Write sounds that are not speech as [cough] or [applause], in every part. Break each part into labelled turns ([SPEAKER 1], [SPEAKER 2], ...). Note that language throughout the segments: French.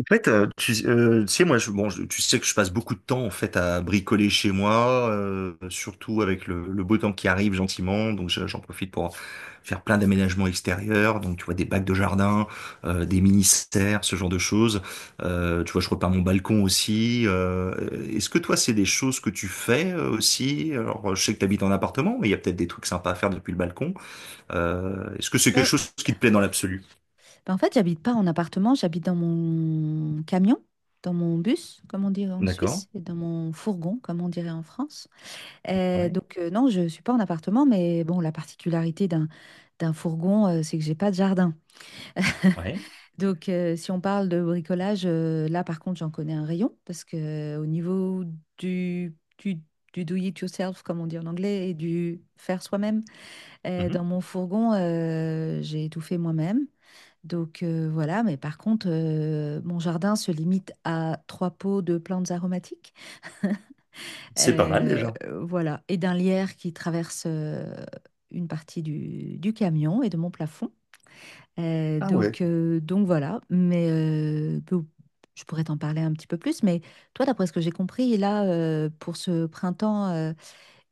[SPEAKER 1] En fait, tu sais, moi, tu sais que je passe beaucoup de temps en fait à bricoler chez moi, surtout avec le beau temps qui arrive gentiment. Donc, j'en profite pour faire plein d'aménagements extérieurs. Donc, tu vois, des bacs de jardin, des mini-serres, ce genre de choses. Tu vois, je repars mon balcon aussi. Est-ce que toi, c'est des choses que tu fais aussi? Alors, je sais que tu habites en appartement, mais il y a peut-être des trucs sympas à faire depuis le balcon. Est-ce que c'est quelque
[SPEAKER 2] Ouais,
[SPEAKER 1] chose qui te plaît dans l'absolu?
[SPEAKER 2] ben, en fait, j'habite pas en appartement, j'habite dans mon camion, dans mon bus, comme on dirait en
[SPEAKER 1] D'accord.
[SPEAKER 2] Suisse, et dans mon fourgon, comme on dirait en France. Euh,
[SPEAKER 1] Ouais,
[SPEAKER 2] donc, euh, non, je suis pas en appartement, mais bon, la particularité d'un fourgon, c'est que j'ai pas de jardin.
[SPEAKER 1] ouais.
[SPEAKER 2] Donc, si on parle de bricolage, là, par contre, j'en connais un rayon, parce que au niveau du, du, du do it yourself, comme on dit en anglais, et du faire soi-même, dans
[SPEAKER 1] Mhm.
[SPEAKER 2] mon fourgon, j'ai tout fait moi-même. Donc, voilà, mais par contre, mon jardin se limite à trois pots de plantes aromatiques,
[SPEAKER 1] C'est pas mal
[SPEAKER 2] euh,
[SPEAKER 1] déjà.
[SPEAKER 2] voilà, et d'un lierre qui traverse une partie du camion et de mon plafond. Euh,
[SPEAKER 1] Ah, ouais.
[SPEAKER 2] donc, euh, donc voilà, mais bon, je pourrais t'en parler un petit peu plus, mais toi, d'après ce que j'ai compris, là, pour ce printemps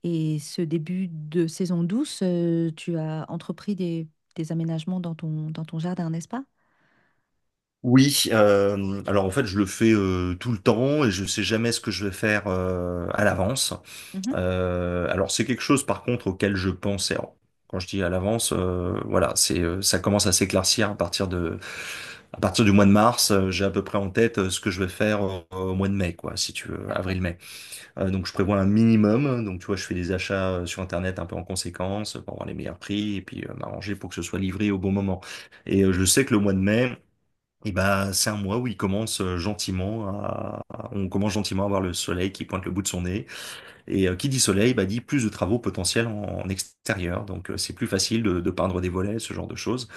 [SPEAKER 2] et ce début de saison douce, tu as entrepris des aménagements dans ton jardin, n'est-ce pas?
[SPEAKER 1] Oui, alors en fait je le fais tout le temps et je sais jamais ce que je vais faire à l'avance.
[SPEAKER 2] Mhm.
[SPEAKER 1] Alors c'est quelque chose par contre auquel je pense. Et alors, quand je dis à l'avance, voilà, c'est ça commence à s'éclaircir à partir du mois de mars. J'ai à peu près en tête ce que je vais faire au mois de mai, quoi, si tu veux,
[SPEAKER 2] D'accord.
[SPEAKER 1] avril-mai. Donc je prévois un minimum. Donc tu vois, je fais des achats sur Internet un peu en conséquence pour avoir les meilleurs prix et puis m'arranger pour que ce soit livré au bon moment. Et je sais que le mois de mai et bah, c'est un mois où il commence gentiment à, on commence gentiment à voir le soleil qui pointe le bout de son nez. Et qui dit soleil, bah, dit plus de travaux potentiels en extérieur. Donc, c'est plus facile de peindre des volets, ce genre de choses,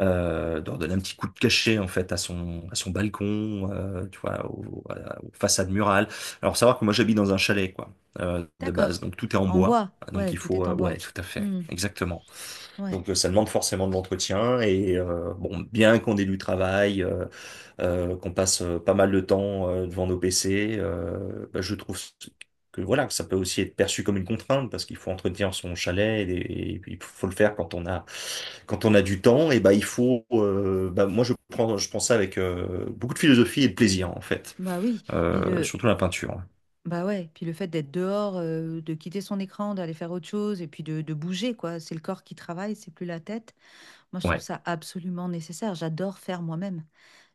[SPEAKER 1] de redonner un petit coup de cachet, en fait, à son balcon, tu vois, façades murales. Alors, savoir que moi, j'habite dans un chalet, quoi, de base.
[SPEAKER 2] D'accord.
[SPEAKER 1] Donc, tout est en
[SPEAKER 2] En
[SPEAKER 1] bois.
[SPEAKER 2] bois.
[SPEAKER 1] Donc,
[SPEAKER 2] Ouais,
[SPEAKER 1] il
[SPEAKER 2] tout
[SPEAKER 1] faut,
[SPEAKER 2] est en bois.
[SPEAKER 1] ouais, tout à fait.
[SPEAKER 2] Hmm.
[SPEAKER 1] Exactement.
[SPEAKER 2] Ouais.
[SPEAKER 1] Donc, ça demande forcément de l'entretien et bon, bien qu'on ait du travail, qu'on passe pas mal de temps devant nos PC, bah, je trouve que voilà, que ça peut aussi être perçu comme une contrainte parce qu'il faut entretenir son chalet et il faut le faire quand on a du temps et bah il faut bah, moi je prends ça avec beaucoup de philosophie et de plaisir en fait,
[SPEAKER 2] Bah oui. Et le.
[SPEAKER 1] surtout la peinture.
[SPEAKER 2] Bah ouais. Puis le fait d'être dehors, de quitter son écran, d'aller faire autre chose, et puis de bouger, quoi. C'est le corps qui travaille, c'est plus la tête. Moi, je trouve
[SPEAKER 1] Ouais,
[SPEAKER 2] ça absolument nécessaire. J'adore faire moi-même.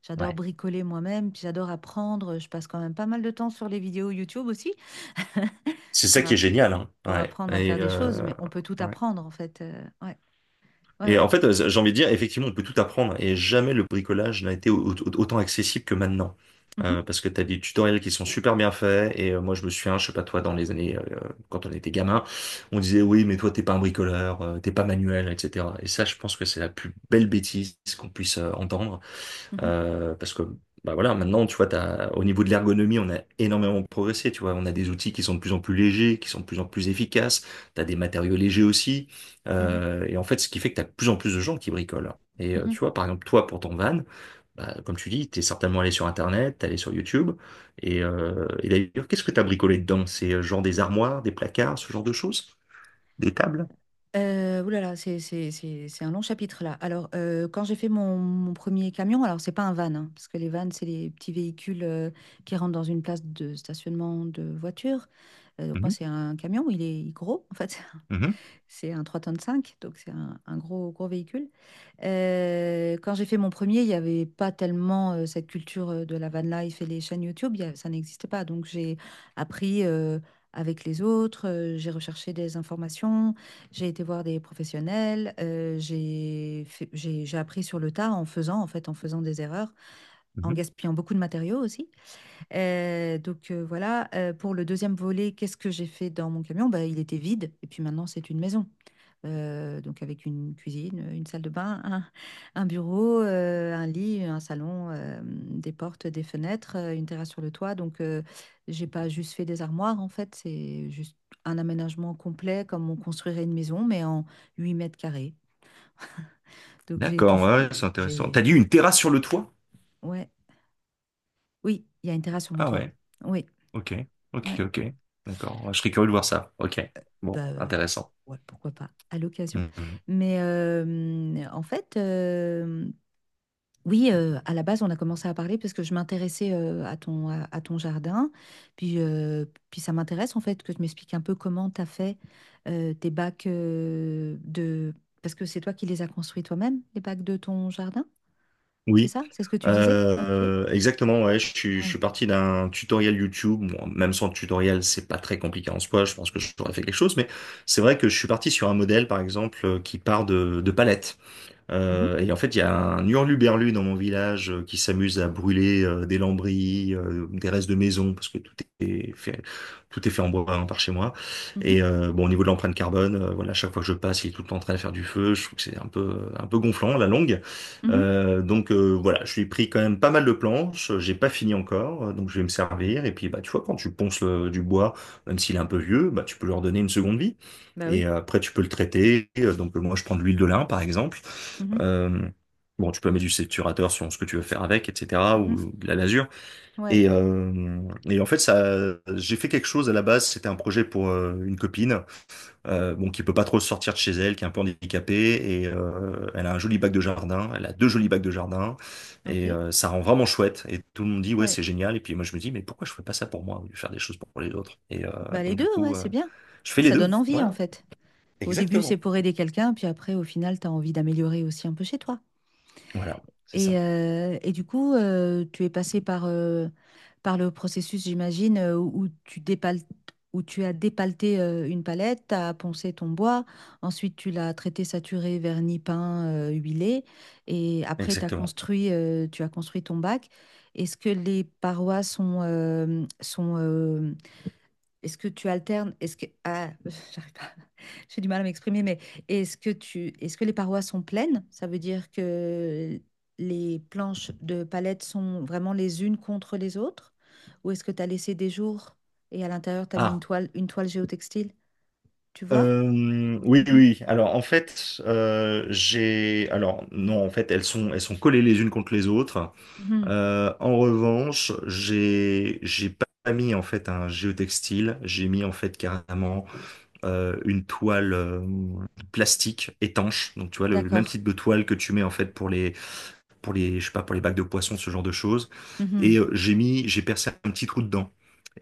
[SPEAKER 2] J'adore
[SPEAKER 1] ouais.
[SPEAKER 2] bricoler moi-même, puis j'adore apprendre. Je passe quand même pas mal de temps sur les vidéos YouTube aussi [laughs]
[SPEAKER 1] C'est ça
[SPEAKER 2] pour,
[SPEAKER 1] qui est
[SPEAKER 2] app-
[SPEAKER 1] génial, hein.
[SPEAKER 2] pour
[SPEAKER 1] Ouais.
[SPEAKER 2] apprendre à
[SPEAKER 1] Et
[SPEAKER 2] faire des choses, mais on peut tout
[SPEAKER 1] ouais.
[SPEAKER 2] apprendre, en fait. Ouais. Ouais,
[SPEAKER 1] Et en
[SPEAKER 2] ouais.
[SPEAKER 1] fait, j'ai envie de dire, effectivement, on peut tout apprendre et jamais le bricolage n'a été autant accessible que maintenant.
[SPEAKER 2] Mhm.
[SPEAKER 1] Parce que tu as des tutoriels qui sont super bien faits et moi je me souviens, je sais pas toi, dans les années, quand on était gamin, on disait oui, mais toi t'es pas un bricoleur, t'es pas manuel, etc. Et ça, je pense que c'est la plus belle bêtise qu'on puisse entendre.
[SPEAKER 2] Mhm.
[SPEAKER 1] Parce que bah voilà, maintenant, tu vois, t'as, au niveau de l'ergonomie, on a énormément progressé. Tu vois, on a des outils qui sont de plus en plus légers, qui sont de plus en plus efficaces. Tu as des matériaux légers aussi.
[SPEAKER 2] Mhm.
[SPEAKER 1] Et en fait, ce qui fait que tu as de plus en plus de gens qui bricolent. Et tu
[SPEAKER 2] Mhm.
[SPEAKER 1] vois, par exemple, toi, pour ton van, bah, comme tu dis, tu es certainement allé sur Internet, t'es allé sur YouTube. Et d'ailleurs, qu'est-ce que tu as bricolé dedans? C'est genre des armoires, des placards, ce genre de choses? Des tables?
[SPEAKER 2] Oulala, c'est un long chapitre là. Alors, quand j'ai fait mon premier camion, alors c'est pas un van, hein, parce que les vans, c'est les petits véhicules qui rentrent dans une place de stationnement de voiture. Donc moi,
[SPEAKER 1] Mhm,
[SPEAKER 2] c'est un camion, il est gros en fait.
[SPEAKER 1] mhm,
[SPEAKER 2] C'est un 3,5 tonnes donc c'est un gros, gros véhicule. Quand j'ai fait mon premier, il n'y avait pas tellement cette culture de la van life et les chaînes YouTube, ça n'existait pas. Donc j'ai appris avec les autres, j'ai recherché des informations, j'ai été voir des professionnels, j'ai fait- j'ai appris sur le tas en faisant, en fait, en faisant des erreurs, en
[SPEAKER 1] mhm.
[SPEAKER 2] gaspillant beaucoup de matériaux aussi. Voilà. Pour le deuxième volet, qu'est-ce que j'ai fait dans mon camion? Bah, il était vide et puis maintenant c'est une maison. Donc avec une cuisine, une salle de bain, un bureau, un lit, un salon, des portes, des fenêtres, une terrasse sur le toit. Donc, j'ai pas juste fait des armoires en fait, c'est juste un aménagement complet comme on construirait une maison mais en 8 m². Donc j'ai tout,
[SPEAKER 1] D'accord, ouais, ouais, c'est
[SPEAKER 2] f-
[SPEAKER 1] intéressant. T'as
[SPEAKER 2] j'ai,
[SPEAKER 1] dit une terrasse sur le toit?
[SPEAKER 2] ouais, oui, il y a une terrasse sur mon
[SPEAKER 1] Ah,
[SPEAKER 2] toit.
[SPEAKER 1] ouais.
[SPEAKER 2] Oui.
[SPEAKER 1] Ok, ok,
[SPEAKER 2] Ouais.
[SPEAKER 1] ok. D'accord. Je serais curieux de voir ça. Ok. Bon,
[SPEAKER 2] Bah,
[SPEAKER 1] intéressant.
[SPEAKER 2] ouais, pourquoi pas, à l'occasion.
[SPEAKER 1] Mhm.
[SPEAKER 2] Mais en fait, oui, à la base, on a commencé à parler parce que je m'intéressais à ton jardin. Puis, euh, puis ça m'intéresse en fait que tu m'expliques un peu comment tu as fait tes bacs de... Parce que c'est toi qui les as construits toi-même, les bacs de ton jardin, c'est
[SPEAKER 1] Oui,
[SPEAKER 2] ça? C'est ce que tu disais? Ok.
[SPEAKER 1] exactement. Ouais, je suis
[SPEAKER 2] Ouais.
[SPEAKER 1] parti d'un tutoriel YouTube. Bon, même sans tutoriel, c'est pas très compliqué en soi. Je pense que j'aurais fait quelque chose, mais c'est vrai que je suis parti sur un modèle, par exemple, qui part de palettes.
[SPEAKER 2] Mhm,
[SPEAKER 1] Et en fait, il y a un hurluberlu dans mon village qui s'amuse à brûler des lambris, des restes de maison, parce que est fait, tout est fait en bois hein, par chez moi.
[SPEAKER 2] mhm,
[SPEAKER 1] Et bon, au niveau de l'empreinte carbone, voilà, chaque fois que je passe, il est tout le temps en train de faire du feu. Je trouve que c'est un peu gonflant, à la longue.
[SPEAKER 2] mhm.
[SPEAKER 1] Donc voilà, je lui ai pris quand même pas mal de planches. J'ai pas fini encore, donc je vais me servir. Et puis bah tu vois, quand tu ponces du bois, même s'il est un peu vieux, bah tu peux leur donner une seconde vie.
[SPEAKER 2] Bah
[SPEAKER 1] Et
[SPEAKER 2] oui.
[SPEAKER 1] après, tu peux le traiter. Donc, moi, je prends de l'huile de lin, par exemple.
[SPEAKER 2] Mhm,
[SPEAKER 1] Euh, bon, tu peux mettre du saturateur sur ce que tu veux faire avec, etc.,
[SPEAKER 2] mhm.
[SPEAKER 1] ou de la lasure.
[SPEAKER 2] Ouais.
[SPEAKER 1] Et, euh, et en fait, ça, j'ai fait quelque chose à la base. C'était un projet pour une copine, bon, qui peut pas trop sortir de chez elle, qui est un peu handicapée, et elle a un joli bac de jardin. Elle a deux jolis bacs de jardin, et
[SPEAKER 2] Ok.
[SPEAKER 1] ça rend vraiment chouette. Et tout le monde dit ouais,
[SPEAKER 2] Ouais.
[SPEAKER 1] c'est génial. Et puis moi, je me dis mais pourquoi je fais pas ça pour moi, au lieu de faire des choses pour les autres. Et
[SPEAKER 2] Bah les
[SPEAKER 1] donc du
[SPEAKER 2] deux,
[SPEAKER 1] coup,
[SPEAKER 2] ouais, c'est bien.
[SPEAKER 1] je fais les
[SPEAKER 2] Ça
[SPEAKER 1] deux.
[SPEAKER 2] donne envie en
[SPEAKER 1] Voilà,
[SPEAKER 2] fait. Au début, c'est
[SPEAKER 1] exactement.
[SPEAKER 2] pour aider quelqu'un, puis après, au final, tu as envie d'améliorer aussi un peu chez toi.
[SPEAKER 1] Voilà, c'est
[SPEAKER 2] Et,
[SPEAKER 1] ça,
[SPEAKER 2] euh, et du coup, tu es passé par, par le processus, j'imagine, où tu as dépaleté une palette, tu as poncé ton bois, ensuite tu l'as traité, saturé, vernis, peint, huilé, et après t'as
[SPEAKER 1] exactement.
[SPEAKER 2] construit, euh, tu as construit ton bac. Est-ce que les parois sont, est-ce que tu alternes? Est-ce que ah, [laughs] j'arrive pas, [laughs] j'ai du mal à m'exprimer, mais est-ce que les parois sont pleines? Ça veut dire que les planches de palette sont vraiment les unes contre les autres? Ou est-ce que tu as laissé des jours et à l'intérieur tu as mis
[SPEAKER 1] Ah.
[SPEAKER 2] une toile géotextile? Tu vois?
[SPEAKER 1] Oui,
[SPEAKER 2] Mhm,
[SPEAKER 1] oui. Alors, en fait, j'ai. Alors, non, en fait, elles sont collées les unes contre les autres.
[SPEAKER 2] mhm,
[SPEAKER 1] En revanche, j'ai pas mis en fait un géotextile. J'ai mis en fait carrément une toile plastique étanche. Donc, tu vois, le même
[SPEAKER 2] d'accord.
[SPEAKER 1] type de toile que tu mets en fait pour les je sais pas, pour les bacs de poissons, ce genre de choses. Et
[SPEAKER 2] Mhm,
[SPEAKER 1] j'ai percé un petit trou dedans.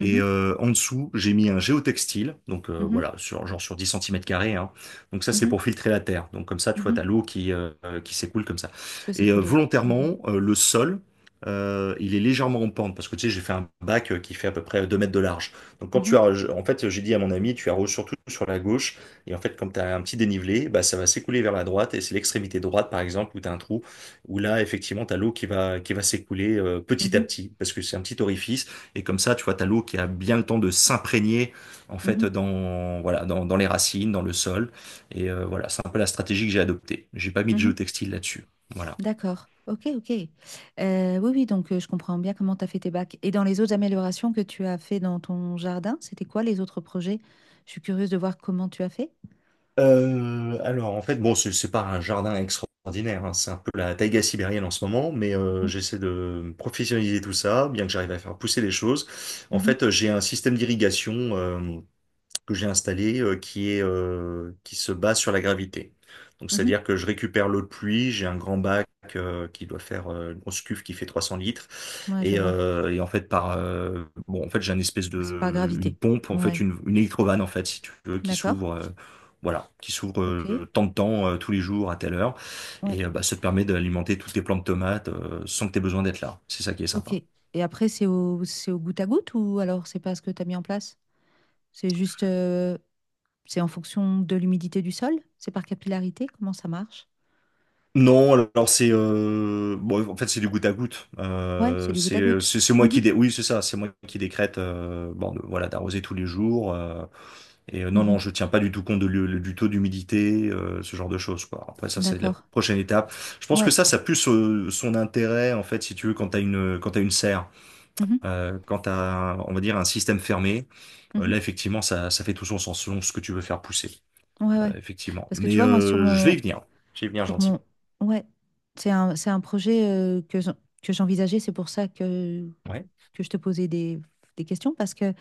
[SPEAKER 2] mhm,
[SPEAKER 1] en dessous, j'ai mis un géotextile, donc
[SPEAKER 2] mhm,
[SPEAKER 1] voilà, sur 10 cm², hein. Donc ça, c'est
[SPEAKER 2] mhm,
[SPEAKER 1] pour filtrer la terre. Donc comme ça, tu vois, t'as
[SPEAKER 2] mhm.
[SPEAKER 1] l'eau qui s'écoule comme ça.
[SPEAKER 2] Que
[SPEAKER 1] Et
[SPEAKER 2] s'écouler. Mhm,
[SPEAKER 1] volontairement, le sol, il est légèrement en pente, parce que tu sais, j'ai fait un bac qui fait à peu près 2 mètres de large. Donc quand tu
[SPEAKER 2] mhm,
[SPEAKER 1] arroses, en fait, j'ai dit à mon ami, tu arroses surtout sur la gauche, et en fait, comme tu as un petit dénivelé, bah, ça va s'écouler vers la droite, et c'est l'extrémité droite, par exemple, où tu as un trou, où là, effectivement, t'as l'eau qui va s'écouler petit à
[SPEAKER 2] mhm,
[SPEAKER 1] petit, parce que c'est un petit orifice, et comme ça, tu vois, t'as l'eau qui a bien le temps de s'imprégner, en fait,
[SPEAKER 2] mhm,
[SPEAKER 1] voilà, dans les racines, dans le sol, et voilà, c'est un peu la stratégie que j'ai adoptée. J'ai pas mis de
[SPEAKER 2] mhm.
[SPEAKER 1] géotextile là-dessus, voilà.
[SPEAKER 2] D'accord. Ok, ok. Oui, oui, donc je comprends bien comment tu as fait tes bacs. Et dans les autres améliorations que tu as fait dans ton jardin, c'était quoi les autres projets? Je suis curieuse de voir comment tu as fait.
[SPEAKER 1] Alors, en fait, bon, c'est pas un jardin extraordinaire, hein, c'est un peu la taïga sibérienne en ce moment, mais
[SPEAKER 2] Mhm,
[SPEAKER 1] j'essaie de professionnaliser tout ça, bien que j'arrive à faire pousser les choses. En
[SPEAKER 2] mhm,
[SPEAKER 1] fait, j'ai un système d'irrigation, que j'ai installé qui se base sur la gravité. Donc
[SPEAKER 2] mhm.
[SPEAKER 1] c'est-à-dire que je récupère l'eau de pluie, j'ai un grand bac qui doit faire une grosse cuve qui fait 300 litres
[SPEAKER 2] Ouais, je
[SPEAKER 1] et,
[SPEAKER 2] vois.
[SPEAKER 1] euh, et en fait par bon en fait j'ai une espèce
[SPEAKER 2] Oh, c'est par
[SPEAKER 1] de une
[SPEAKER 2] gravité.
[SPEAKER 1] pompe en fait
[SPEAKER 2] Ouais,
[SPEAKER 1] une électrovanne en fait si tu veux qui
[SPEAKER 2] d'accord.
[SPEAKER 1] s'ouvre voilà qui s'ouvre
[SPEAKER 2] Ok.
[SPEAKER 1] tant de temps tous les jours à telle heure
[SPEAKER 2] Ouais,
[SPEAKER 1] et bah, ça te permet d'alimenter toutes tes plantes de tomates sans que tu aies besoin d'être là. C'est ça qui est
[SPEAKER 2] ok.
[SPEAKER 1] sympa.
[SPEAKER 2] Et après, c'est au goutte à goutte ou alors c'est pas ce que tu as mis en place? C'est juste, euh, c'est en fonction de l'humidité du sol? C'est par capillarité? Comment ça marche?
[SPEAKER 1] Non, alors c'est bon, en fait c'est du goutte à goutte.
[SPEAKER 2] Ouais, c'est du goutte à
[SPEAKER 1] C'est
[SPEAKER 2] goutte.
[SPEAKER 1] c'est c'est moi qui
[SPEAKER 2] Mhm,
[SPEAKER 1] dé... oui c'est ça, c'est moi qui décrète bon voilà d'arroser tous les jours et non non
[SPEAKER 2] mhm.
[SPEAKER 1] je tiens pas du tout compte de du taux d'humidité ce genre de choses quoi. Après ça c'est la
[SPEAKER 2] D'accord.
[SPEAKER 1] prochaine étape. Je pense que
[SPEAKER 2] Ouais.
[SPEAKER 1] ça a plus son intérêt en fait si tu veux quand t'as une serre
[SPEAKER 2] Mhm.
[SPEAKER 1] quand t'as on va dire un système fermé. Là,
[SPEAKER 2] Mhm.
[SPEAKER 1] effectivement, ça fait tout son sens selon ce que tu veux faire pousser,
[SPEAKER 2] Ouais, ouais.
[SPEAKER 1] effectivement.
[SPEAKER 2] Parce que tu
[SPEAKER 1] Mais
[SPEAKER 2] vois, moi, sur
[SPEAKER 1] je vais y
[SPEAKER 2] mon,
[SPEAKER 1] venir. Je vais y venir
[SPEAKER 2] sur mon,
[SPEAKER 1] gentiment.
[SPEAKER 2] ouais, c'est un projet que j'envisageais. C'est pour ça que,
[SPEAKER 1] Ouais.
[SPEAKER 2] que je te posais des questions parce que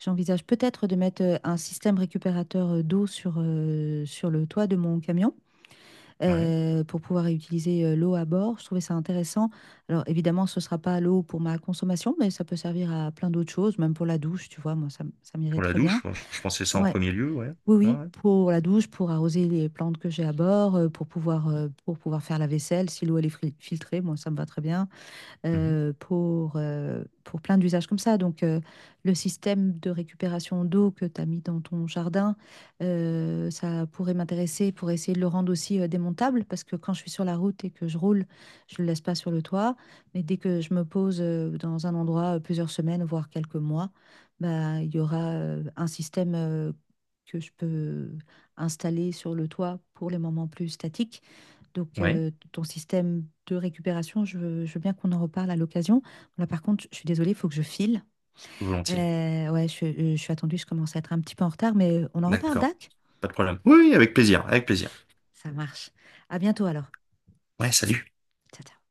[SPEAKER 2] j'envisage peut-être de mettre un système récupérateur d'eau sur le toit de mon camion
[SPEAKER 1] Ouais.
[SPEAKER 2] pour pouvoir réutiliser l'eau à bord. Je trouvais ça intéressant. Alors, évidemment, ce ne sera pas l'eau pour ma consommation, mais ça peut servir à plein d'autres choses, même pour la douche, tu vois. Moi, ça m'irait
[SPEAKER 1] Pour la
[SPEAKER 2] très bien.
[SPEAKER 1] douche, moi, je pensais ça en
[SPEAKER 2] Ouais.
[SPEAKER 1] premier lieu, ouais.
[SPEAKER 2] Oui,
[SPEAKER 1] Ouais,
[SPEAKER 2] oui,
[SPEAKER 1] ouais.
[SPEAKER 2] pour la douche, pour arroser les plantes que j'ai à bord, pour pouvoir, faire la vaisselle, si l'eau elle est filtrée, moi ça me va très bien
[SPEAKER 1] Mhm.
[SPEAKER 2] pour, plein d'usages comme ça. Donc, le système de récupération d'eau que tu as mis dans ton jardin, ça pourrait m'intéresser pour essayer de le rendre aussi démontable, parce que quand je suis sur la route et que je roule, je ne le laisse pas sur le toit. Mais dès que je me pose dans un endroit plusieurs semaines, voire quelques mois, bah, il y aura un système que je peux installer sur le toit pour les moments plus statiques donc,
[SPEAKER 1] Ouais,
[SPEAKER 2] ton système de récupération, je veux bien qu'on en reparle à l'occasion. Là, par contre, je suis désolée, il faut que je file.
[SPEAKER 1] volontiers.
[SPEAKER 2] Ouais, je suis attendue, je commence à être un petit peu en retard, mais on en reparle,
[SPEAKER 1] D'accord.
[SPEAKER 2] Dac?
[SPEAKER 1] Pas de problème. Oui, avec plaisir, avec plaisir.
[SPEAKER 2] Ça marche. À bientôt alors.
[SPEAKER 1] Ouais, salut.
[SPEAKER 2] Ciao, ciao.